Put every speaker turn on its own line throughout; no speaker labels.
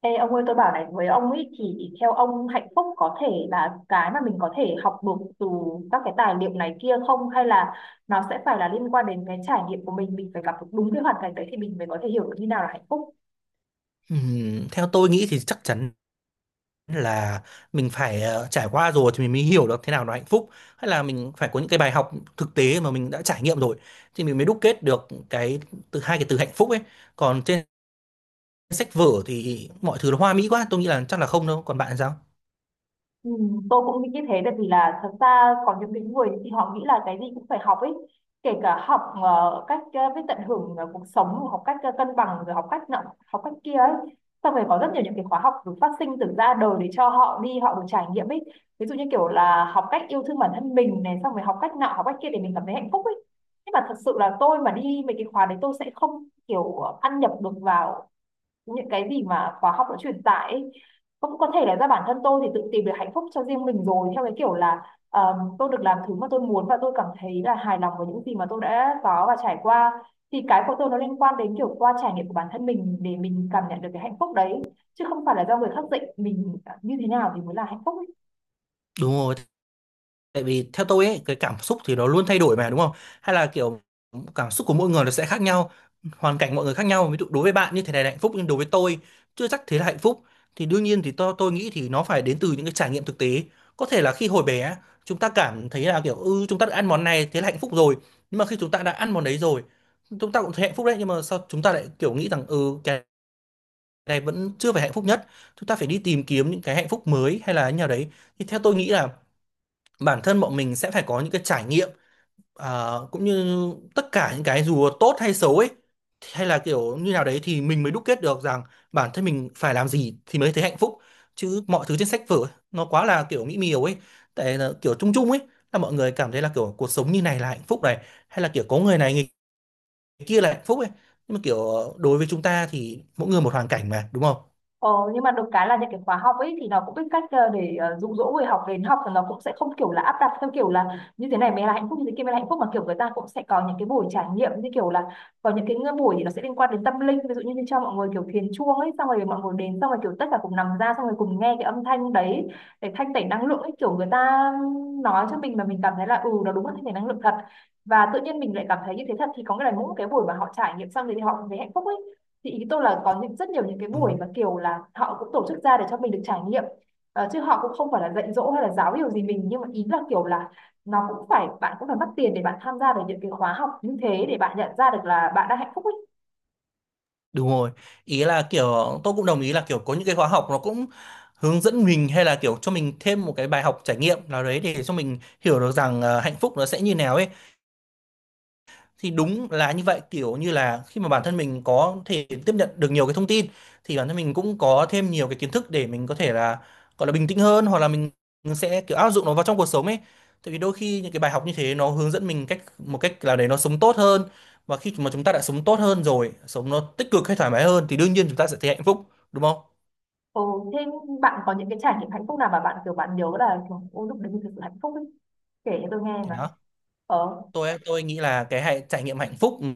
Ê, ông ơi tôi bảo này với ông ấy thì theo ông hạnh phúc có thể là cái mà mình có thể học được từ các cái tài liệu này kia không, hay là nó sẽ phải là liên quan đến cái trải nghiệm của mình phải gặp được đúng cái hoàn cảnh đấy thì mình mới có thể hiểu được như nào là hạnh phúc.
Theo tôi nghĩ thì chắc chắn là mình phải trải qua rồi thì mình mới hiểu được thế nào là hạnh phúc, hay là mình phải có những cái bài học thực tế mà mình đã trải nghiệm rồi thì mình mới đúc kết được cái từ, hai cái từ hạnh phúc ấy. Còn trên sách vở thì mọi thứ nó hoa mỹ quá, tôi nghĩ là chắc là không đâu. Còn bạn thì sao?
Ừ, tôi cũng nghĩ như thế tại vì là thật ra có những cái người thì họ nghĩ là cái gì cũng phải học ấy, kể cả học cách biết tận hưởng cuộc sống, học cách cân bằng, rồi học cách nọ học cách kia ấy. Xong rồi có rất nhiều những cái khóa học được phát sinh từ ra đời để cho họ đi, họ được trải nghiệm ấy. Ví dụ như kiểu là học cách yêu thương bản thân mình này, xong rồi học cách nọ học cách kia để mình cảm thấy hạnh phúc ấy. Nhưng mà thật sự là tôi mà đi mấy cái khóa đấy tôi sẽ không kiểu ăn nhập được vào những cái gì mà khóa học đã truyền tải ấy, cũng có thể là do bản thân tôi thì tự tìm được hạnh phúc cho riêng mình rồi, theo cái kiểu là tôi được làm thứ mà tôi muốn và tôi cảm thấy là hài lòng với những gì mà tôi đã có và trải qua. Thì cái của tôi nó liên quan đến kiểu qua trải nghiệm của bản thân mình để mình cảm nhận được cái hạnh phúc đấy, chứ không phải là do người khác dạy mình như thế nào thì mới là hạnh phúc ấy.
Đúng rồi. Tại vì theo tôi ấy, cái cảm xúc thì nó luôn thay đổi mà đúng không? Hay là kiểu cảm xúc của mỗi người nó sẽ khác nhau, hoàn cảnh mọi người khác nhau. Ví dụ đối với bạn như thế này là hạnh phúc nhưng đối với tôi chưa chắc thế là hạnh phúc. Thì đương nhiên thì tôi nghĩ thì nó phải đến từ những cái trải nghiệm thực tế. Có thể là khi hồi bé chúng ta cảm thấy là kiểu ừ, chúng ta đã ăn món này thế là hạnh phúc rồi. Nhưng mà khi chúng ta đã ăn món đấy rồi, chúng ta cũng thấy hạnh phúc đấy, nhưng mà sao chúng ta lại kiểu nghĩ rằng ừ, cái này vẫn chưa phải hạnh phúc nhất. Chúng ta phải đi tìm kiếm những cái hạnh phúc mới hay là như nào đấy. Thì theo tôi nghĩ là bản thân bọn mình sẽ phải có những cái trải nghiệm, cũng như tất cả những cái dù tốt hay xấu ấy, hay là kiểu như nào đấy thì mình mới đúc kết được rằng bản thân mình phải làm gì thì mới thấy hạnh phúc. Chứ mọi thứ trên sách vở ấy, nó quá là kiểu mỹ miều ấy, tại là kiểu chung chung ấy, là mọi người cảm thấy là kiểu cuộc sống như này là hạnh phúc này, hay là kiểu có người này người kia là hạnh phúc ấy, nhưng mà kiểu đối với chúng ta thì mỗi người một hoàn cảnh mà đúng
Ờ, nhưng mà được cái là những cái khóa học ấy thì nó cũng biết cách để dụ dỗ người học đến học, thì nó cũng sẽ không kiểu là áp đặt theo kiểu là như thế này mới là hạnh phúc, như thế kia mới là hạnh phúc, mà kiểu người ta cũng sẽ có những cái buổi trải nghiệm, như kiểu là có những cái buổi thì nó sẽ liên quan đến tâm linh, ví dụ như, như cho mọi người kiểu thiền chuông ấy, xong rồi mọi người đến xong rồi kiểu tất cả cùng nằm ra xong rồi cùng nghe cái âm thanh đấy để thanh tẩy năng lượng ấy, kiểu người ta nói cho mình mà mình cảm thấy là ừ nó đúng là thanh tẩy năng lượng thật, và tự nhiên mình lại cảm thấy như thế thật, thì có nghĩa là mỗi cái buổi mà họ trải nghiệm xong thì họ cũng thấy hạnh phúc ấy. Thì ý tôi là có những rất nhiều những cái buổi mà
không.
kiểu là họ cũng tổ chức ra để cho mình được trải nghiệm. Ờ, chứ họ cũng không phải là dạy dỗ hay là giáo điều gì mình, nhưng mà ý là kiểu là nó cũng phải, bạn cũng phải mất tiền để bạn tham gia được những cái khóa học như thế để bạn nhận ra được là bạn đang hạnh phúc ấy.
Đúng rồi. Ý là kiểu tôi cũng đồng ý là kiểu có những cái khóa học nó cũng hướng dẫn mình hay là kiểu cho mình thêm một cái bài học trải nghiệm nào đấy để cho mình hiểu được rằng hạnh phúc nó sẽ như nào ấy. Thì đúng là như vậy, kiểu như là khi mà bản thân mình có thể tiếp nhận được nhiều cái thông tin thì bản thân mình cũng có thêm nhiều cái kiến thức để mình có thể là gọi là bình tĩnh hơn, hoặc là mình sẽ kiểu áp dụng nó vào trong cuộc sống ấy. Tại vì đôi khi những cái bài học như thế nó hướng dẫn mình cách, một cách là để nó sống tốt hơn. Và khi mà chúng ta đã sống tốt hơn rồi, sống nó tích cực hay thoải mái hơn thì đương nhiên chúng ta sẽ thấy hạnh phúc, đúng không.
Ừ, thế bạn có những cái trải nghiệm hạnh phúc nào mà bạn kiểu bạn nhớ là kiểu, ôi lúc đấy mình thực sự hạnh phúc ấy, kể cho tôi nghe
Thì
mà.
đó,
Ờ.
tôi nghĩ là cái hạnh, trải nghiệm hạnh phúc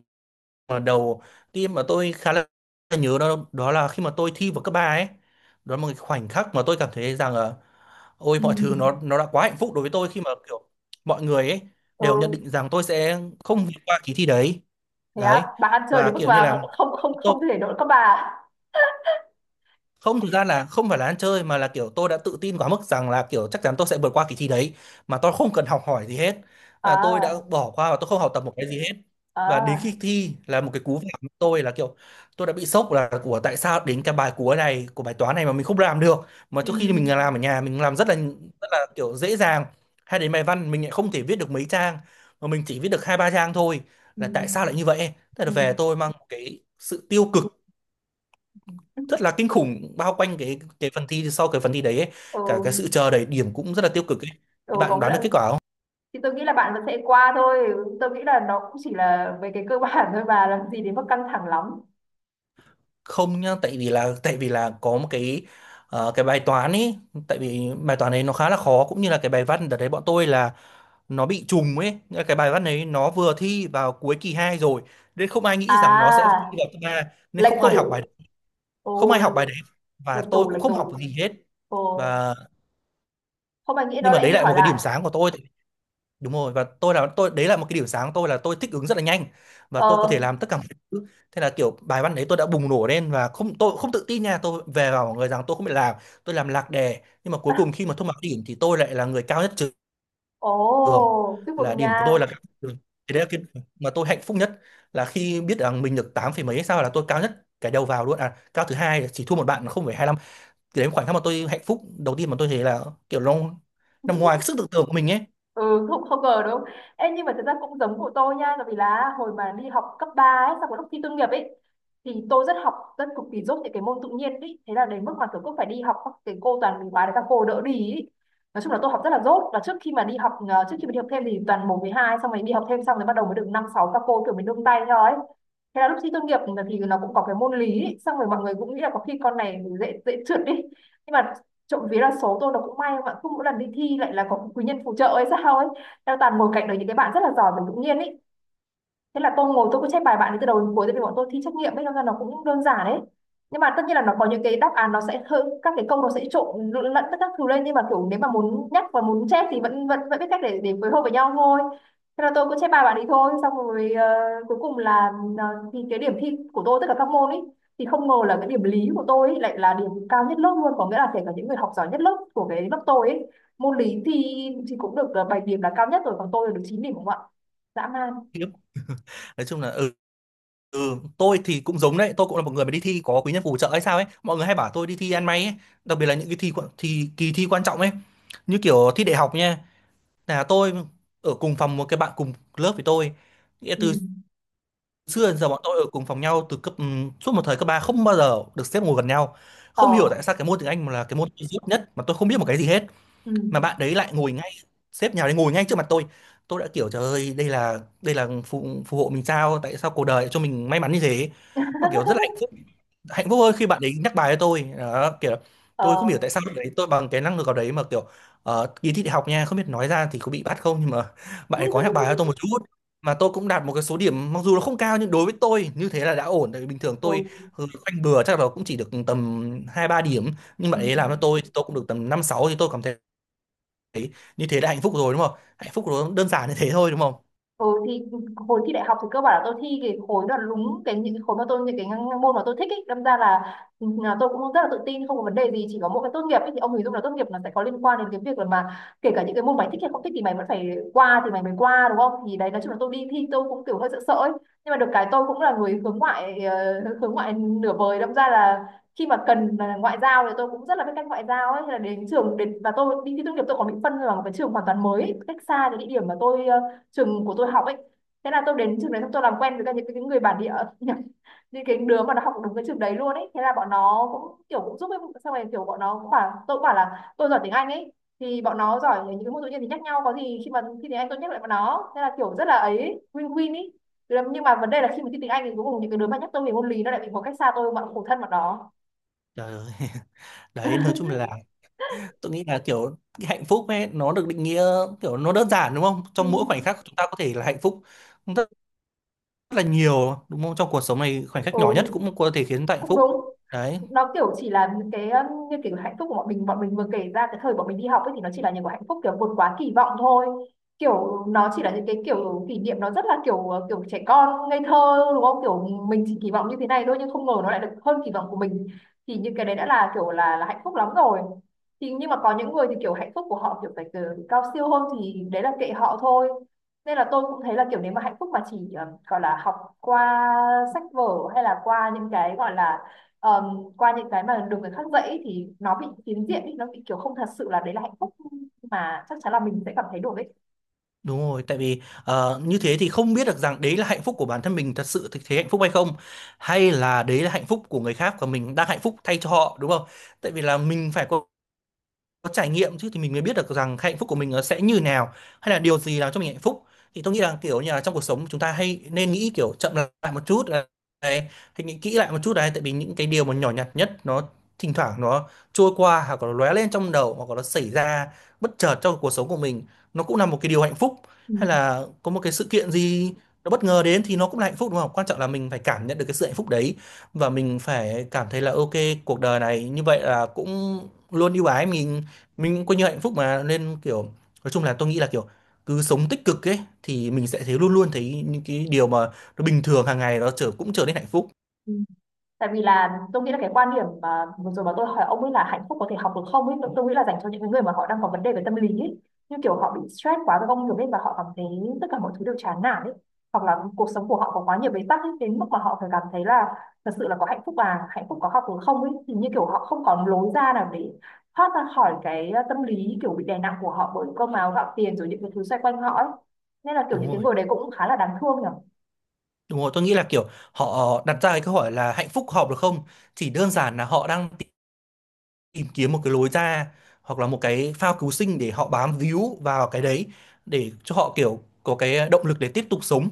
mà đầu tiên mà tôi khá là nhớ đó, đó là khi mà tôi thi vào cấp 3 ấy. Đó là một cái khoảnh khắc mà tôi cảm thấy rằng là ôi,
Ừ.
mọi thứ nó đã quá hạnh phúc đối với tôi, khi mà kiểu mọi người ấy
Ừ,
đều nhận định rằng tôi sẽ không vượt qua kỳ thi đấy.
thế á?
Đấy,
Bạn ăn chơi
và
đến mức
kiểu như
mà
là
không không
tôi
không thể đỡ các bà?
không, thực ra là không phải là ăn chơi mà là kiểu tôi đã tự tin quá mức rằng là kiểu chắc chắn tôi sẽ vượt qua kỳ thi đấy mà tôi không cần học hỏi gì hết, là tôi đã
À.
bỏ qua và tôi không học tập một cái gì hết. Và đến
À.
khi thi là một cái cú vả của tôi, là kiểu tôi đã bị sốc, là của tại sao đến cái bài cuối này của bài toán này mà mình không làm được, mà
Ừ.
trước khi mình làm ở nhà mình làm rất là, rất là kiểu dễ dàng. Hay đến bài văn mình lại không thể viết được mấy trang mà mình chỉ viết được hai ba trang thôi,
Ừ.
là tại sao lại như vậy. Thế là
Ừ.
về tôi mang một cái sự tiêu cực
Ừ.
rất là kinh khủng bao quanh cái phần thi, sau cái phần thi đấy ấy.
Ừ.
Cả cái sự chờ đợi điểm cũng rất là tiêu cực ấy.
Ừ,
Thì bạn
có nghĩa
đoán được
là
kết quả không?
thì tôi nghĩ là bạn vẫn sẽ qua thôi, tôi nghĩ là nó cũng chỉ là về cái cơ bản thôi, bà làm gì đến mức căng thẳng lắm.
Không nhá, tại vì là có một cái cái bài toán ấy, tại vì bài toán ấy nó khá là khó, cũng như là cái bài văn đợt đấy bọn tôi là nó bị trùng ấy. Nghĩa là cái bài văn ấy nó vừa thi vào cuối kỳ 2 rồi nên không ai nghĩ rằng nó sẽ
À,
thi vào kỳ 3, nên
lệch
không
tủ.
ai học bài, không
Ồ.
ai học bài đấy, và
Lệch
tôi
tủ,
cũng
lệch
không học
tủ.
gì hết.
Ồ.
Và
Không ai nghĩ
nhưng
nó
mà
lại
đấy
đi
lại
hỏi
một cái
lại.
điểm sáng của tôi. Đúng rồi, và tôi là tôi đấy, là một cái điểm sáng của tôi là tôi thích ứng rất là nhanh và tôi có thể
Ờ.
làm tất cả mọi thứ. Thế là kiểu bài văn đấy tôi đã bùng nổ lên và không, tôi không tự tin nha, tôi về bảo mọi người rằng tôi không biết làm, tôi làm lạc đề, nhưng mà cuối cùng khi mà thông báo điểm thì tôi lại là người cao nhất trường,
Ồ, chúc
là
mừng
điểm của
nha.
tôi là cao nhất trường. Thì đấy là cái mà tôi hạnh phúc nhất, là khi biết rằng mình được 8 phẩy mấy hay sao, là tôi cao nhất cái đầu vào luôn, à cao thứ hai, chỉ thua một bạn là 0,25. Thì đấy là khoảnh khắc mà tôi hạnh phúc đầu tiên mà tôi thấy là kiểu nó nằm ngoài cái sức tưởng tượng của mình ấy.
Ừ, không không ngờ đúng không. Em, nhưng mà thật ra cũng giống của tôi nha, tại vì là hồi mà đi học cấp 3 ấy, sau cái lúc thi tốt nghiệp ấy, thì tôi rất học rất cực kỳ dốt những cái môn tự nhiên ấy, thế là đến mức mà kiểu cứ phải đi học các cái cô toàn mình bài để các cô đỡ đi ấy. Nói chung là tôi học rất là dốt, và trước khi mà đi học trước khi mà đi học thêm thì toàn một với hai, xong rồi đi học thêm xong rồi bắt đầu mới được năm sáu, các cô kiểu mình nương tay theo ấy. Thế là lúc thi tốt nghiệp thì nó cũng có cái môn lý ấy. Xong rồi mọi người cũng nghĩ là có khi con này dễ dễ trượt đi, nhưng mà trộm vía là số tôi nó cũng may mà cứ mỗi lần đi thi lại là có quý nhân phù trợ ấy sao ấy, đang toàn ngồi cạnh đấy những cái bạn rất là giỏi và tự nhiên ấy. Thế là tôi ngồi tôi cứ check bài bạn ấy từ đầu đến cuối, tại vì bọn tôi thi trắc nghiệm ấy, đâm ra nó cũng đơn giản đấy, nhưng mà tất nhiên là nó có những cái đáp án nó sẽ hơi, các cái câu nó sẽ trộn lẫn tất các thứ lên, nhưng mà kiểu nếu mà muốn nhắc và muốn chép thì vẫn vẫn vẫn biết cách để phối hợp với nhau thôi. Thế là tôi cứ chép bài bạn ấy thôi, xong rồi cuối cùng là ờ, thì cái điểm thi của tôi tất cả các môn ấy, thì không ngờ là cái điểm lý của tôi ấy, lại là điểm cao nhất lớp luôn, có nghĩa là kể cả những người học giỏi nhất lớp của cái lớp tôi ấy, môn lý thì cũng được 7 điểm là cao nhất rồi, còn tôi là được 9 điểm đúng không ạ. Dã man.
Nói chung là ừ. Ừ, tôi thì cũng giống đấy, tôi cũng là một người mà đi thi có quý nhân phù trợ hay sao ấy. Mọi người hay bảo tôi đi thi ăn may ấy, đặc biệt là những cái thì kỳ thi quan trọng ấy, như kiểu thi đại học nha. Là tôi ở cùng phòng một cái bạn cùng lớp với tôi. Nghĩa
Ừ.
từ xưa đến giờ bọn tôi ở cùng phòng nhau từ cấp suốt một thời cấp 3 không bao giờ được xếp ngồi gần nhau. Không hiểu tại
Ờ.
sao cái môn tiếng Anh là cái môn duy nhất mà tôi không biết một cái gì hết,
Ừ.
mà bạn đấy lại ngồi ngay, sếp nhà đấy ngồi ngay trước mặt tôi. Tôi đã kiểu trời ơi, đây là, đây là phù, phù hộ mình sao, tại sao cuộc đời lại cho mình may mắn như thế, mà kiểu rất là hạnh phúc. Hạnh phúc hơn khi bạn ấy nhắc bài cho tôi đó, kiểu tôi không hiểu tại
Ờ.
sao lúc đấy tôi bằng cái năng lực ở đấy mà kiểu kỳ thi đại học nha, không biết nói ra thì có bị bắt không, nhưng mà bạn ấy có nhắc bài cho tôi một chút mà tôi cũng đạt một cái số điểm, mặc dù nó không cao nhưng đối với tôi như thế là đã ổn. Tại vì bình thường
Ừ.
tôi ừ, khoanh bừa chắc là cũng chỉ được tầm hai ba điểm, nhưng
Ừ.
bạn ấy làm cho tôi thì tôi cũng được tầm năm sáu, thì tôi cảm thấy thấy như thế đã hạnh phúc rồi, đúng không, hạnh phúc nó đơn giản như thế thôi, đúng không.
Ừ thì hồi thi đại học thì cơ bản là tôi thi cái khối là đúng cái những cái khối mà tôi, những cái môn mà tôi thích ấy, đâm ra là, ừ, là tôi cũng rất là tự tin không có vấn đề gì, chỉ có mỗi cái tốt nghiệp ấy, thì ông hình dung là tốt nghiệp là sẽ có liên quan đến cái việc là mà kể cả những cái môn mày thích hay không thích thì mày vẫn phải qua thì mày mới qua đúng không, thì đấy nói chung là tôi đi thi tôi cũng kiểu hơi sợ sợ ấy. Nhưng mà được cái tôi cũng là người hướng ngoại, hướng ngoại nửa vời, đâm ra là khi mà cần mà ngoại giao thì tôi cũng rất là biết cách ngoại giao ấy. Thế là đến trường đến và tôi đi thi tốt nghiệp tôi còn bị phân vào một cái trường hoàn toàn mới ấy, cách xa cái địa điểm mà tôi trường của tôi học ấy. Thế là tôi đến trường đấy xong tôi làm quen với cả những cái người bản địa, những cái đứa mà nó học đúng cái trường đấy luôn ấy, thế là bọn nó cũng kiểu cũng giúp ấy, xong rồi kiểu bọn nó cũng bảo tôi, cũng bảo là tôi giỏi tiếng Anh ấy, thì bọn nó giỏi những cái môn tự nhiên thì nhắc nhau, có gì khi mà thi tiếng Anh tôi nhắc lại bọn nó, thế là kiểu rất là ấy, win win ấy. Nhưng mà vấn đề là khi mà thi tiếng Anh thì cuối cùng những cái đứa mà nhắc tôi về môn lý nó lại bị một cách xa tôi, mà khổ thân bọn đó.
Trời ơi. Đấy, nói chung là tôi nghĩ là kiểu cái hạnh phúc ấy nó được định nghĩa kiểu nó đơn giản, đúng không, trong mỗi khoảnh
Ừ.
khắc chúng ta có thể là hạnh phúc rất là nhiều, đúng không, trong cuộc sống này khoảnh khắc nhỏ nhất
Ừ,
cũng có thể khiến chúng ta hạnh
cũng
phúc.
đúng.
Đấy.
Nó kiểu chỉ là những cái như kiểu hạnh phúc của bọn mình, bọn mình vừa kể ra cái thời bọn mình đi học ấy, thì nó chỉ là những cái hạnh phúc kiểu vượt quá kỳ vọng thôi, kiểu nó chỉ là những cái kiểu kỷ niệm nó rất là kiểu kiểu trẻ con ngây thơ đúng không, kiểu mình chỉ kỳ vọng như thế này thôi nhưng không ngờ nó lại được hơn kỳ vọng của mình, thì những cái đấy đã là kiểu là hạnh phúc lắm rồi. Thì nhưng mà có những người thì kiểu hạnh phúc của họ kiểu phải từ cao siêu hơn thì đấy là kệ họ thôi. Nên là tôi cũng thấy là kiểu nếu mà hạnh phúc mà chỉ gọi là học qua sách vở, hay là qua những cái gọi là um, qua những cái mà được người khác dạy, thì nó bị phiến diện ấy, nó bị kiểu không thật sự là đấy là hạnh phúc mà chắc chắn là mình sẽ cảm thấy được ấy.
Đúng rồi, tại vì như thế thì không biết được rằng đấy là hạnh phúc của bản thân mình thật sự, thực thế hạnh phúc hay không, hay là đấy là hạnh phúc của người khác và mình đang hạnh phúc thay cho họ, đúng không. Tại vì là mình phải có trải nghiệm chứ thì mình mới biết được rằng hạnh phúc của mình nó sẽ như nào, hay là điều gì làm cho mình hạnh phúc. Thì tôi nghĩ là kiểu như là trong cuộc sống chúng ta hay nên nghĩ kiểu chậm lại một chút này, thì nghĩ kỹ lại một chút đấy, tại vì những cái điều mà nhỏ nhặt nhất nó thỉnh thoảng nó trôi qua, hoặc là nó lóe lên trong đầu, hoặc là nó xảy ra bất chợt trong cuộc sống của mình, nó cũng là một cái điều hạnh phúc.
Ừ.
Hay là có một cái sự kiện gì nó bất ngờ đến thì nó cũng là hạnh phúc, đúng không, quan trọng là mình phải cảm nhận được cái sự hạnh phúc đấy, và mình phải cảm thấy là ok, cuộc đời này như vậy là cũng luôn ưu ái mình cũng coi như hạnh phúc mà, nên kiểu nói chung là tôi nghĩ là kiểu cứ sống tích cực ấy thì mình sẽ thấy, luôn luôn thấy những cái điều mà nó bình thường hàng ngày nó trở, cũng trở nên hạnh phúc.
Ừ, tại vì là tôi nghĩ là cái quan điểm mà vừa rồi mà tôi hỏi ông ấy là hạnh phúc có thể học được không ấy, tôi nghĩ là dành cho những cái người mà họ đang có vấn đề về tâm lý ấy, như kiểu họ bị stress quá với công việc ấy và họ cảm thấy tất cả mọi thứ đều chán nản ấy, hoặc là cuộc sống của họ có quá nhiều bế tắc ấy đến mức mà họ phải cảm thấy là thật sự là có hạnh phúc à, hạnh phúc có học được không ấy, thì như kiểu họ không còn lối ra nào để thoát ra khỏi cái tâm lý kiểu bị đè nặng của họ bởi cơm áo gạo tiền rồi những cái thứ xoay quanh họ ấy. Nên là kiểu
Đúng
những cái
rồi.
người đấy cũng khá là đáng thương nhỉ.
Đúng rồi, tôi nghĩ là kiểu họ đặt ra cái câu hỏi là hạnh phúc hợp được không, chỉ đơn giản là họ đang tìm kiếm một cái lối ra, hoặc là một cái phao cứu sinh để họ bám víu vào cái đấy, để cho họ kiểu có cái động lực để tiếp tục sống,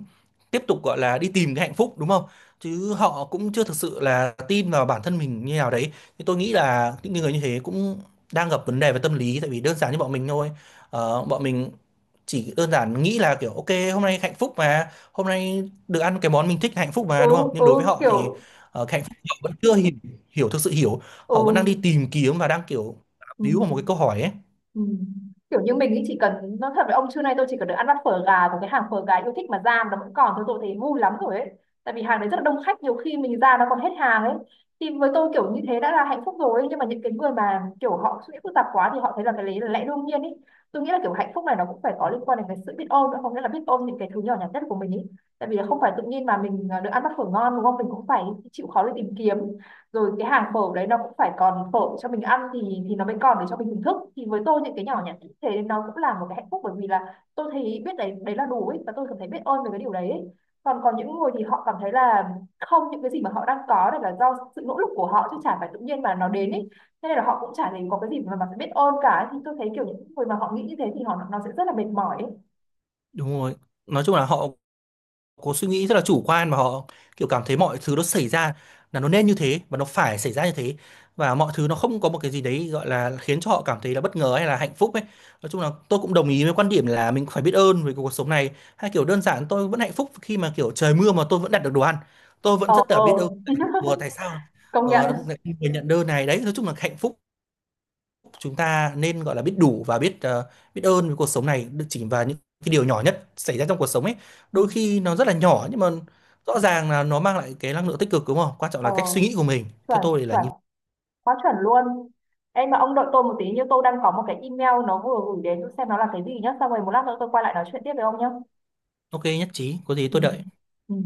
tiếp tục gọi là đi tìm cái hạnh phúc, đúng không. Chứ họ cũng chưa thực sự là tin vào bản thân mình như nào đấy. Thì tôi nghĩ là những người như thế cũng đang gặp vấn đề về tâm lý, tại vì đơn giản như bọn mình thôi. Ờ, bọn mình chỉ đơn giản nghĩ là kiểu ok, hôm nay hạnh phúc mà, hôm nay được ăn cái món mình thích hạnh phúc mà,
Ừ.
đúng không, nhưng
Ừ
đối với họ thì
kiểu.
cái hạnh phúc họ vẫn chưa hiểu, hiểu thực sự hiểu, họ vẫn đang
Ừ.
đi tìm kiếm và đang kiểu
Ừ.
víu vào một cái câu hỏi ấy.
Ừ. Kiểu như mình ý chỉ cần, nó thật với ông, trưa nay tôi chỉ cần được ăn bát phở gà của cái hàng phở gà yêu thích mà ra mà nó vẫn còn thôi, tôi thấy vui lắm rồi ấy, tại vì hàng đấy rất là đông khách, nhiều khi mình ra nó còn hết hàng ấy, thì với tôi kiểu như thế đã là hạnh phúc rồi ấy. Nhưng mà những cái người mà kiểu họ suy nghĩ phức tạp quá thì họ thấy là cái đấy là lẽ đương nhiên ấy. Tôi nghĩ là kiểu hạnh phúc này nó cũng phải có liên quan đến cái sự biết ơn nữa, không nghĩa là biết ơn những cái thứ nhỏ nhặt nhất của mình ấy, tại vì là không phải tự nhiên mà mình được ăn bát phở ngon đúng không, mình cũng phải chịu khó để tìm kiếm, rồi cái hàng phở đấy nó cũng phải còn phở cho mình ăn thì nó mới còn để cho mình thưởng thức, thì với tôi những cái nhỏ nhặt như thế nó cũng là một cái hạnh phúc, bởi vì là tôi thấy biết đấy đấy là đủ ấy và tôi cảm thấy biết ơn về cái điều đấy ấy. Còn còn những người thì họ cảm thấy là không, những cái gì mà họ đang có này là do sự nỗ lực của họ chứ chả phải tự nhiên mà nó đến ấy, thế nên là họ cũng chả thấy có cái gì mà phải biết ơn cả, thì tôi thấy kiểu những người mà họ nghĩ như thế thì họ nó sẽ rất là mệt mỏi ấy.
Đúng rồi, nói chung là họ có suy nghĩ rất là chủ quan, mà họ kiểu cảm thấy mọi thứ nó xảy ra là nó nên như thế và nó phải xảy ra như thế, và mọi thứ nó không có một cái gì đấy gọi là khiến cho họ cảm thấy là bất ngờ hay là hạnh phúc ấy. Nói chung là tôi cũng đồng ý với quan điểm là mình phải biết ơn với cuộc sống này, hay kiểu đơn giản tôi vẫn hạnh phúc khi mà kiểu trời mưa mà tôi vẫn đặt được đồ ăn, tôi vẫn
Ờ.
rất là biết ơn tại-. Ủa, tại sao
Công nhận.
lại không người nhận đơn này. Đấy, nói chung là hạnh phúc, chúng ta nên gọi là biết đủ và biết biết ơn với cuộc sống này, được chỉ vào những cái điều nhỏ nhất xảy ra trong cuộc sống ấy,
Ừ.
đôi khi nó rất là nhỏ nhưng mà rõ ràng là nó mang lại cái năng lượng tích cực, đúng không, quan trọng
Ờ,
là cách suy nghĩ của mình,
chuẩn.
theo tôi thì là
Chuẩn.
như.
Quá chuẩn luôn. Em mà ông đợi tôi một tí, như tôi đang có một cái email nó vừa gửi đến xem nó là cái gì nhá, xong rồi một lát nữa tôi quay lại nói chuyện tiếp với ông nhá.
Ok, nhất trí, có gì
Ừ.
tôi đợi.
Ừ.